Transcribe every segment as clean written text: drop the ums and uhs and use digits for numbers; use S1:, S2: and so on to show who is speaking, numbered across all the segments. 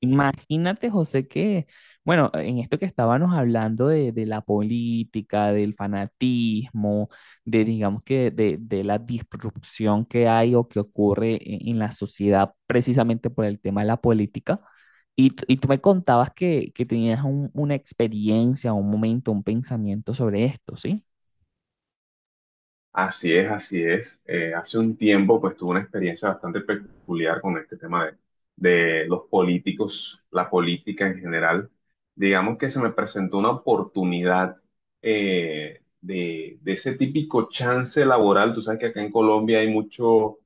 S1: Imagínate, José, que, bueno, en esto que estábamos hablando de la política, del fanatismo, de, digamos que, de la disrupción que hay o que ocurre en la sociedad precisamente por el tema de la política. Y tú me contabas que tenías una experiencia, un momento, un pensamiento sobre esto, ¿sí?
S2: Así es, así es. Hace un tiempo, pues tuve una experiencia bastante peculiar con este tema de, de los políticos, la política en general. Digamos que se me presentó una oportunidad de ese típico chance laboral. Tú sabes que acá en Colombia hay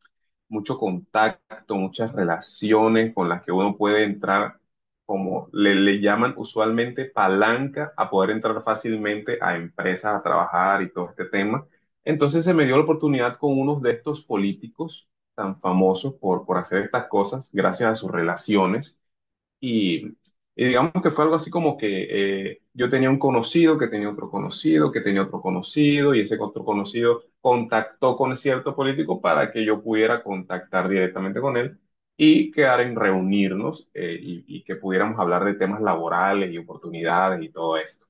S2: mucho contacto, muchas relaciones con las que uno puede entrar, como le llaman usualmente palanca, a poder entrar fácilmente a empresas, a trabajar y todo este tema. Entonces se me dio la oportunidad con unos de estos políticos tan famosos por hacer estas cosas, gracias a sus relaciones. Y, y digamos que fue algo así como que yo tenía un conocido que tenía otro conocido, que tenía otro conocido, y ese otro conocido contactó con cierto político para que yo pudiera contactar directamente con él y quedar en reunirnos y que pudiéramos hablar de temas laborales y oportunidades y todo eso.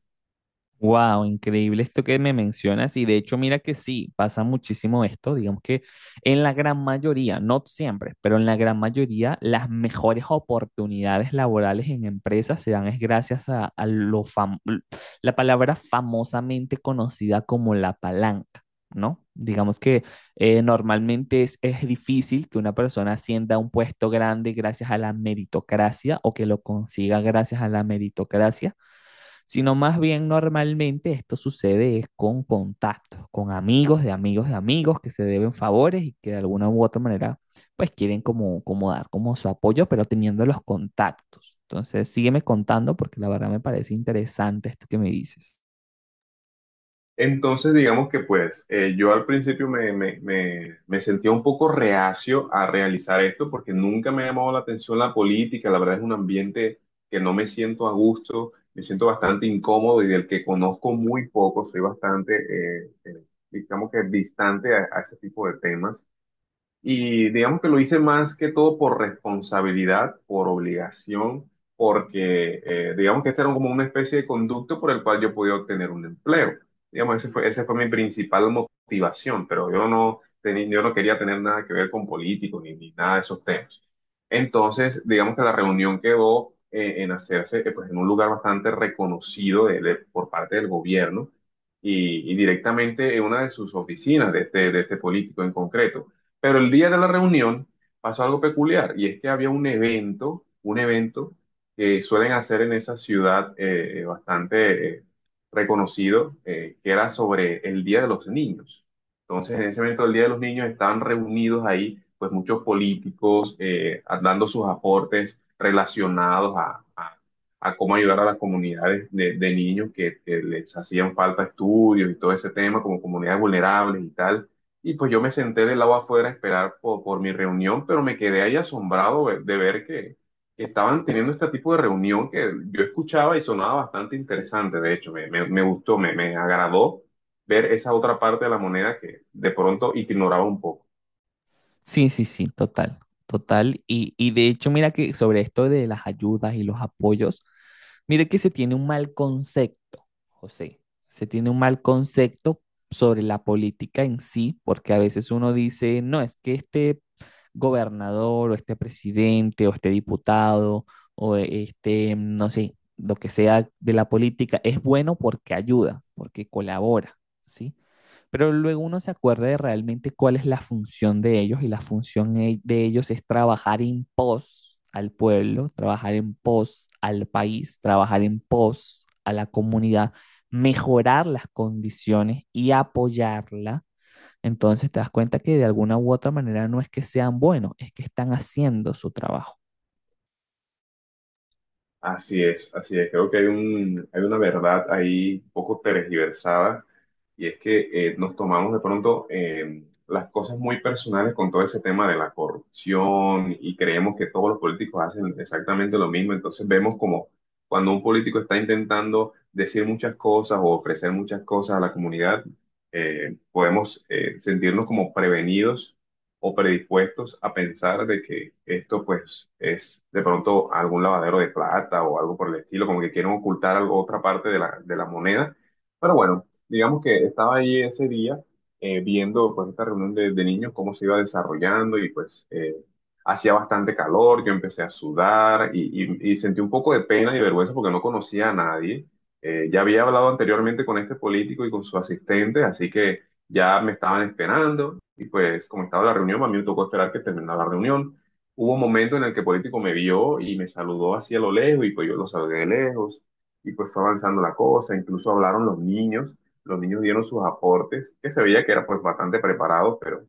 S1: Wow, increíble esto que me mencionas. Y de hecho, mira que sí, pasa muchísimo esto. Digamos que en la gran mayoría, no siempre, pero en la gran mayoría, las mejores oportunidades laborales en empresas se dan es gracias a la palabra famosamente conocida como la palanca, ¿no? Digamos que normalmente es difícil que una persona ascienda a un puesto grande gracias a la meritocracia o que lo consiga gracias a la meritocracia, sino más bien normalmente esto sucede es con contactos, con amigos de amigos de amigos que se deben favores y que de alguna u otra manera pues quieren como, como dar como su apoyo, pero teniendo los contactos. Entonces sígueme contando porque la verdad me parece interesante esto que me dices.
S2: Entonces, digamos que yo al principio me sentía un poco reacio a realizar esto porque nunca me ha llamado la atención la política, la verdad es un ambiente que no me siento a gusto, me siento bastante incómodo y del que conozco muy poco, soy bastante, digamos que distante a ese tipo de temas. Y digamos que lo hice más que todo por responsabilidad, por obligación, porque digamos que este era como una especie de conducto por el cual yo podía obtener un empleo. Digamos, ese fue, esa fue mi principal motivación, pero yo no tenía, yo no quería tener nada que ver con políticos ni nada de esos temas. Entonces, digamos que la reunión quedó en hacerse pues, en un lugar bastante reconocido por parte del gobierno y directamente en una de sus oficinas de de este político en concreto. Pero el día de la reunión pasó algo peculiar y es que había un evento que suelen hacer en esa ciudad , bastante reconocido, que era sobre el Día de los Niños. Entonces, en ese evento del Día de los Niños estaban reunidos ahí, pues muchos políticos dando sus aportes relacionados a cómo ayudar a las comunidades de niños que les hacían falta estudios y todo ese tema, como comunidades vulnerables y tal. Y pues yo me senté del lado afuera a esperar mi reunión, pero me quedé ahí asombrado de ver que estaban teniendo este tipo de reunión que yo escuchaba y sonaba bastante interesante. De hecho, me gustó, me agradó ver esa otra parte de la moneda que de pronto ignoraba un poco.
S1: Sí, sí, sí, total, total. Y de hecho, mira que sobre esto de las ayudas y los apoyos, mire que se tiene un mal concepto, José, se tiene un mal concepto sobre la política en sí, porque a veces uno dice, no, es que este gobernador o este presidente o este diputado o este, no sé, lo que sea de la política es bueno porque ayuda, porque colabora, ¿sí? Pero luego uno se acuerda de realmente cuál es la función de ellos y la función de ellos es trabajar en pos al pueblo, trabajar en pos al país, trabajar en pos a la comunidad, mejorar las condiciones y apoyarla. Entonces te das cuenta que de alguna u otra manera no es que sean buenos, es que están haciendo su trabajo.
S2: Así es, así es. Creo que hay hay una verdad ahí un poco tergiversada y es que nos tomamos de pronto las cosas muy personales con todo ese tema de la corrupción y creemos que todos los políticos hacen exactamente lo mismo. Entonces vemos como cuando un político está intentando decir muchas cosas o ofrecer muchas cosas a la comunidad, podemos sentirnos como prevenidos o predispuestos a pensar de que esto pues es de pronto algún lavadero de plata o algo por el estilo, como que quieren ocultar otra parte de de la moneda. Pero bueno, digamos que estaba ahí ese día viendo pues esta reunión de niños cómo se iba desarrollando y hacía bastante calor, yo empecé a sudar y sentí un poco de pena y vergüenza porque no conocía a nadie. Ya había hablado anteriormente con este político y con su asistente, así que ya me estaban esperando y pues como estaba la reunión, a mí me tocó esperar que terminara la reunión. Hubo un momento en el que el político me vio y me saludó hacia lo lejos y pues yo lo saludé de lejos y pues fue avanzando la cosa, incluso hablaron los niños dieron sus aportes, que se veía que eran pues bastante preparados, pero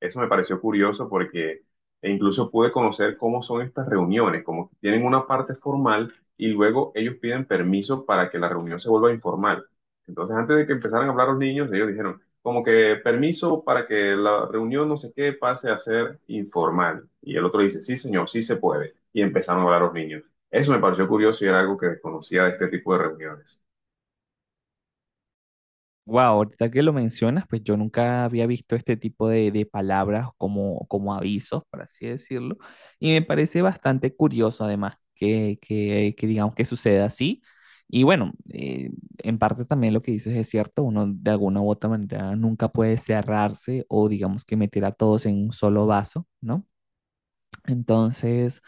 S2: eso me pareció curioso porque e incluso pude conocer cómo son estas reuniones, como que tienen una parte formal y luego ellos piden permiso para que la reunión se vuelva informal. Entonces, antes de que empezaran a hablar los niños, ellos dijeron, como que permiso para que la reunión no sé qué pase a ser informal. Y el otro dice, sí, señor, sí se puede. Y empezaron a hablar los niños. Eso me pareció curioso y era algo que desconocía de este tipo de reuniones.
S1: Wow, ahorita que lo mencionas, pues yo nunca había visto este tipo de palabras como, como avisos, por así decirlo, y me parece bastante curioso además que digamos que suceda así. Y bueno, en parte también lo que dices es cierto, uno de alguna u otra manera nunca puede cerrarse o digamos que meter a todos en un solo vaso, ¿no? Entonces,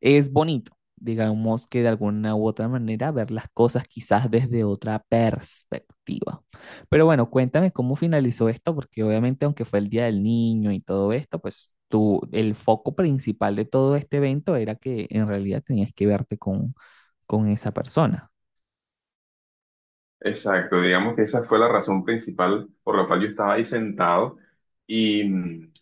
S1: es bonito, digamos que de alguna u otra manera ver las cosas quizás desde otra perspectiva. Pero bueno, cuéntame cómo finalizó esto, porque obviamente aunque fue el Día del Niño y todo esto, pues tú, el foco principal de todo este evento era que en realidad tenías que verte con esa persona.
S2: Exacto, digamos que esa fue la razón principal por la cual yo estaba ahí sentado. Y, mm,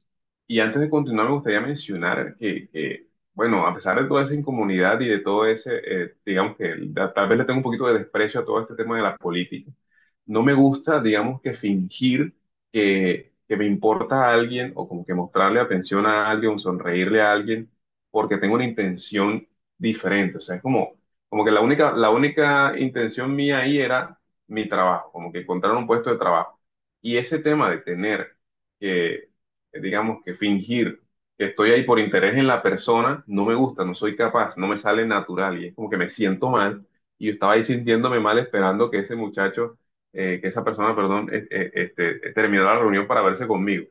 S2: y antes de continuar, me gustaría mencionar que, bueno, a pesar de toda esa incomunidad y de todo ese, digamos que tal vez le tengo un poquito de desprecio a todo este tema de la política, no me gusta, digamos que fingir que me importa a alguien o como que mostrarle atención a alguien o sonreírle a alguien porque tengo una intención diferente. O sea, es como, como que la única intención mía ahí era mi trabajo, como que encontrar un puesto de trabajo. Y ese tema de tener que, digamos, que fingir que estoy ahí por interés en la persona, no me gusta, no soy capaz, no me sale natural y es como que me siento mal. Y yo estaba ahí sintiéndome mal esperando que ese muchacho, que esa persona, perdón, terminara la reunión para verse conmigo.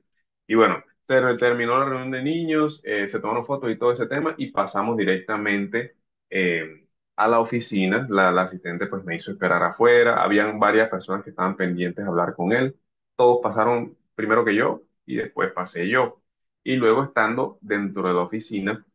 S2: Y bueno, terminó la reunión de niños, se tomaron fotos y todo ese tema y pasamos directamente eh, a la oficina. La la asistente pues me hizo esperar afuera, habían varias personas que estaban pendientes de hablar con él, todos pasaron primero que yo y después pasé yo. Y luego estando dentro de la oficina,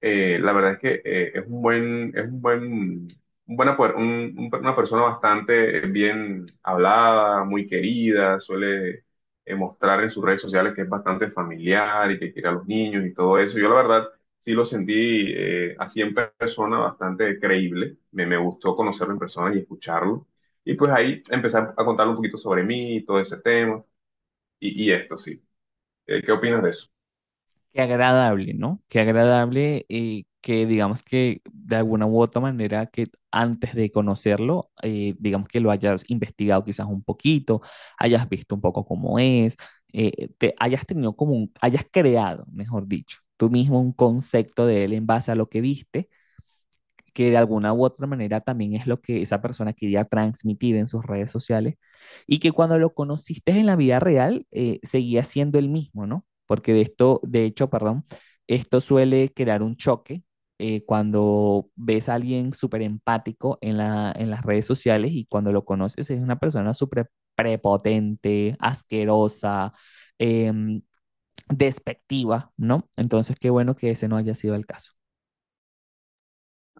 S2: la verdad es que es un buen, un buena per- un- una persona bastante bien hablada, muy querida, suele mostrar en sus redes sociales que es bastante familiar y que quiere a los niños y todo eso. Yo la verdad sí lo sentí así en persona bastante creíble, me gustó conocerlo en persona y escucharlo. Y pues ahí empezar a contarle un poquito sobre mí, y todo ese tema y esto, sí. ¿Qué opinas de eso?
S1: Qué agradable, ¿no? Qué agradable que digamos que de alguna u otra manera que antes de conocerlo, digamos que lo hayas investigado quizás un poquito, hayas visto un poco cómo es, te hayas tenido como un, hayas creado, mejor dicho, tú mismo un concepto de él en base a lo que viste, que de alguna u otra manera también es lo que esa persona quería transmitir en sus redes sociales, y que cuando lo conociste en la vida real seguía siendo el mismo, ¿no? Porque de esto, de hecho, perdón, esto suele crear un choque cuando ves a alguien súper empático en la, en las redes sociales y cuando lo conoces es una persona súper prepotente, asquerosa, eh, despectiva, ¿no? Entonces, qué bueno que ese no haya sido el caso.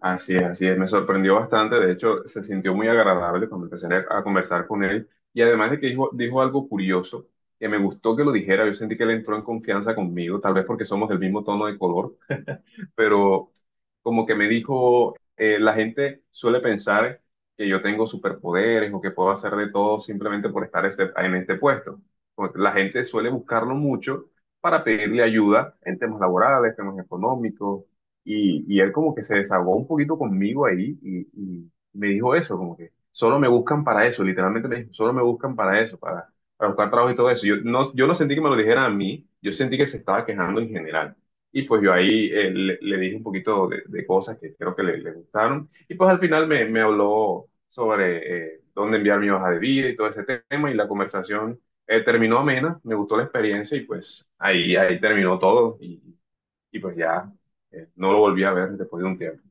S2: Así es, me sorprendió bastante, de hecho se sintió muy agradable cuando empecé a conversar con él y además de que dijo algo curioso, que me gustó que lo dijera, yo sentí que él entró en confianza conmigo, tal vez porque somos del mismo tono de color, pero como que me dijo, la gente suele pensar que yo tengo superpoderes o que puedo hacer de todo simplemente por estar en este puesto. Como la gente suele buscarlo mucho para pedirle ayuda en temas laborales, temas económicos, y él como que se desahogó un poquito conmigo ahí y me dijo eso, como que solo me buscan para eso, literalmente me dijo, solo me buscan para eso, para buscar trabajo y todo eso. Yo no, yo no sentí que me lo dijeran a mí, yo sentí que se estaba quejando en general. Y pues yo ahí le dije un poquito de cosas que creo que le gustaron. Y pues al final me habló sobre dónde enviar mi hoja de vida y todo ese tema. Y la conversación terminó amena, me gustó la experiencia y pues ahí, ahí terminó todo. Y pues ya no lo volví a ver después de un tiempo.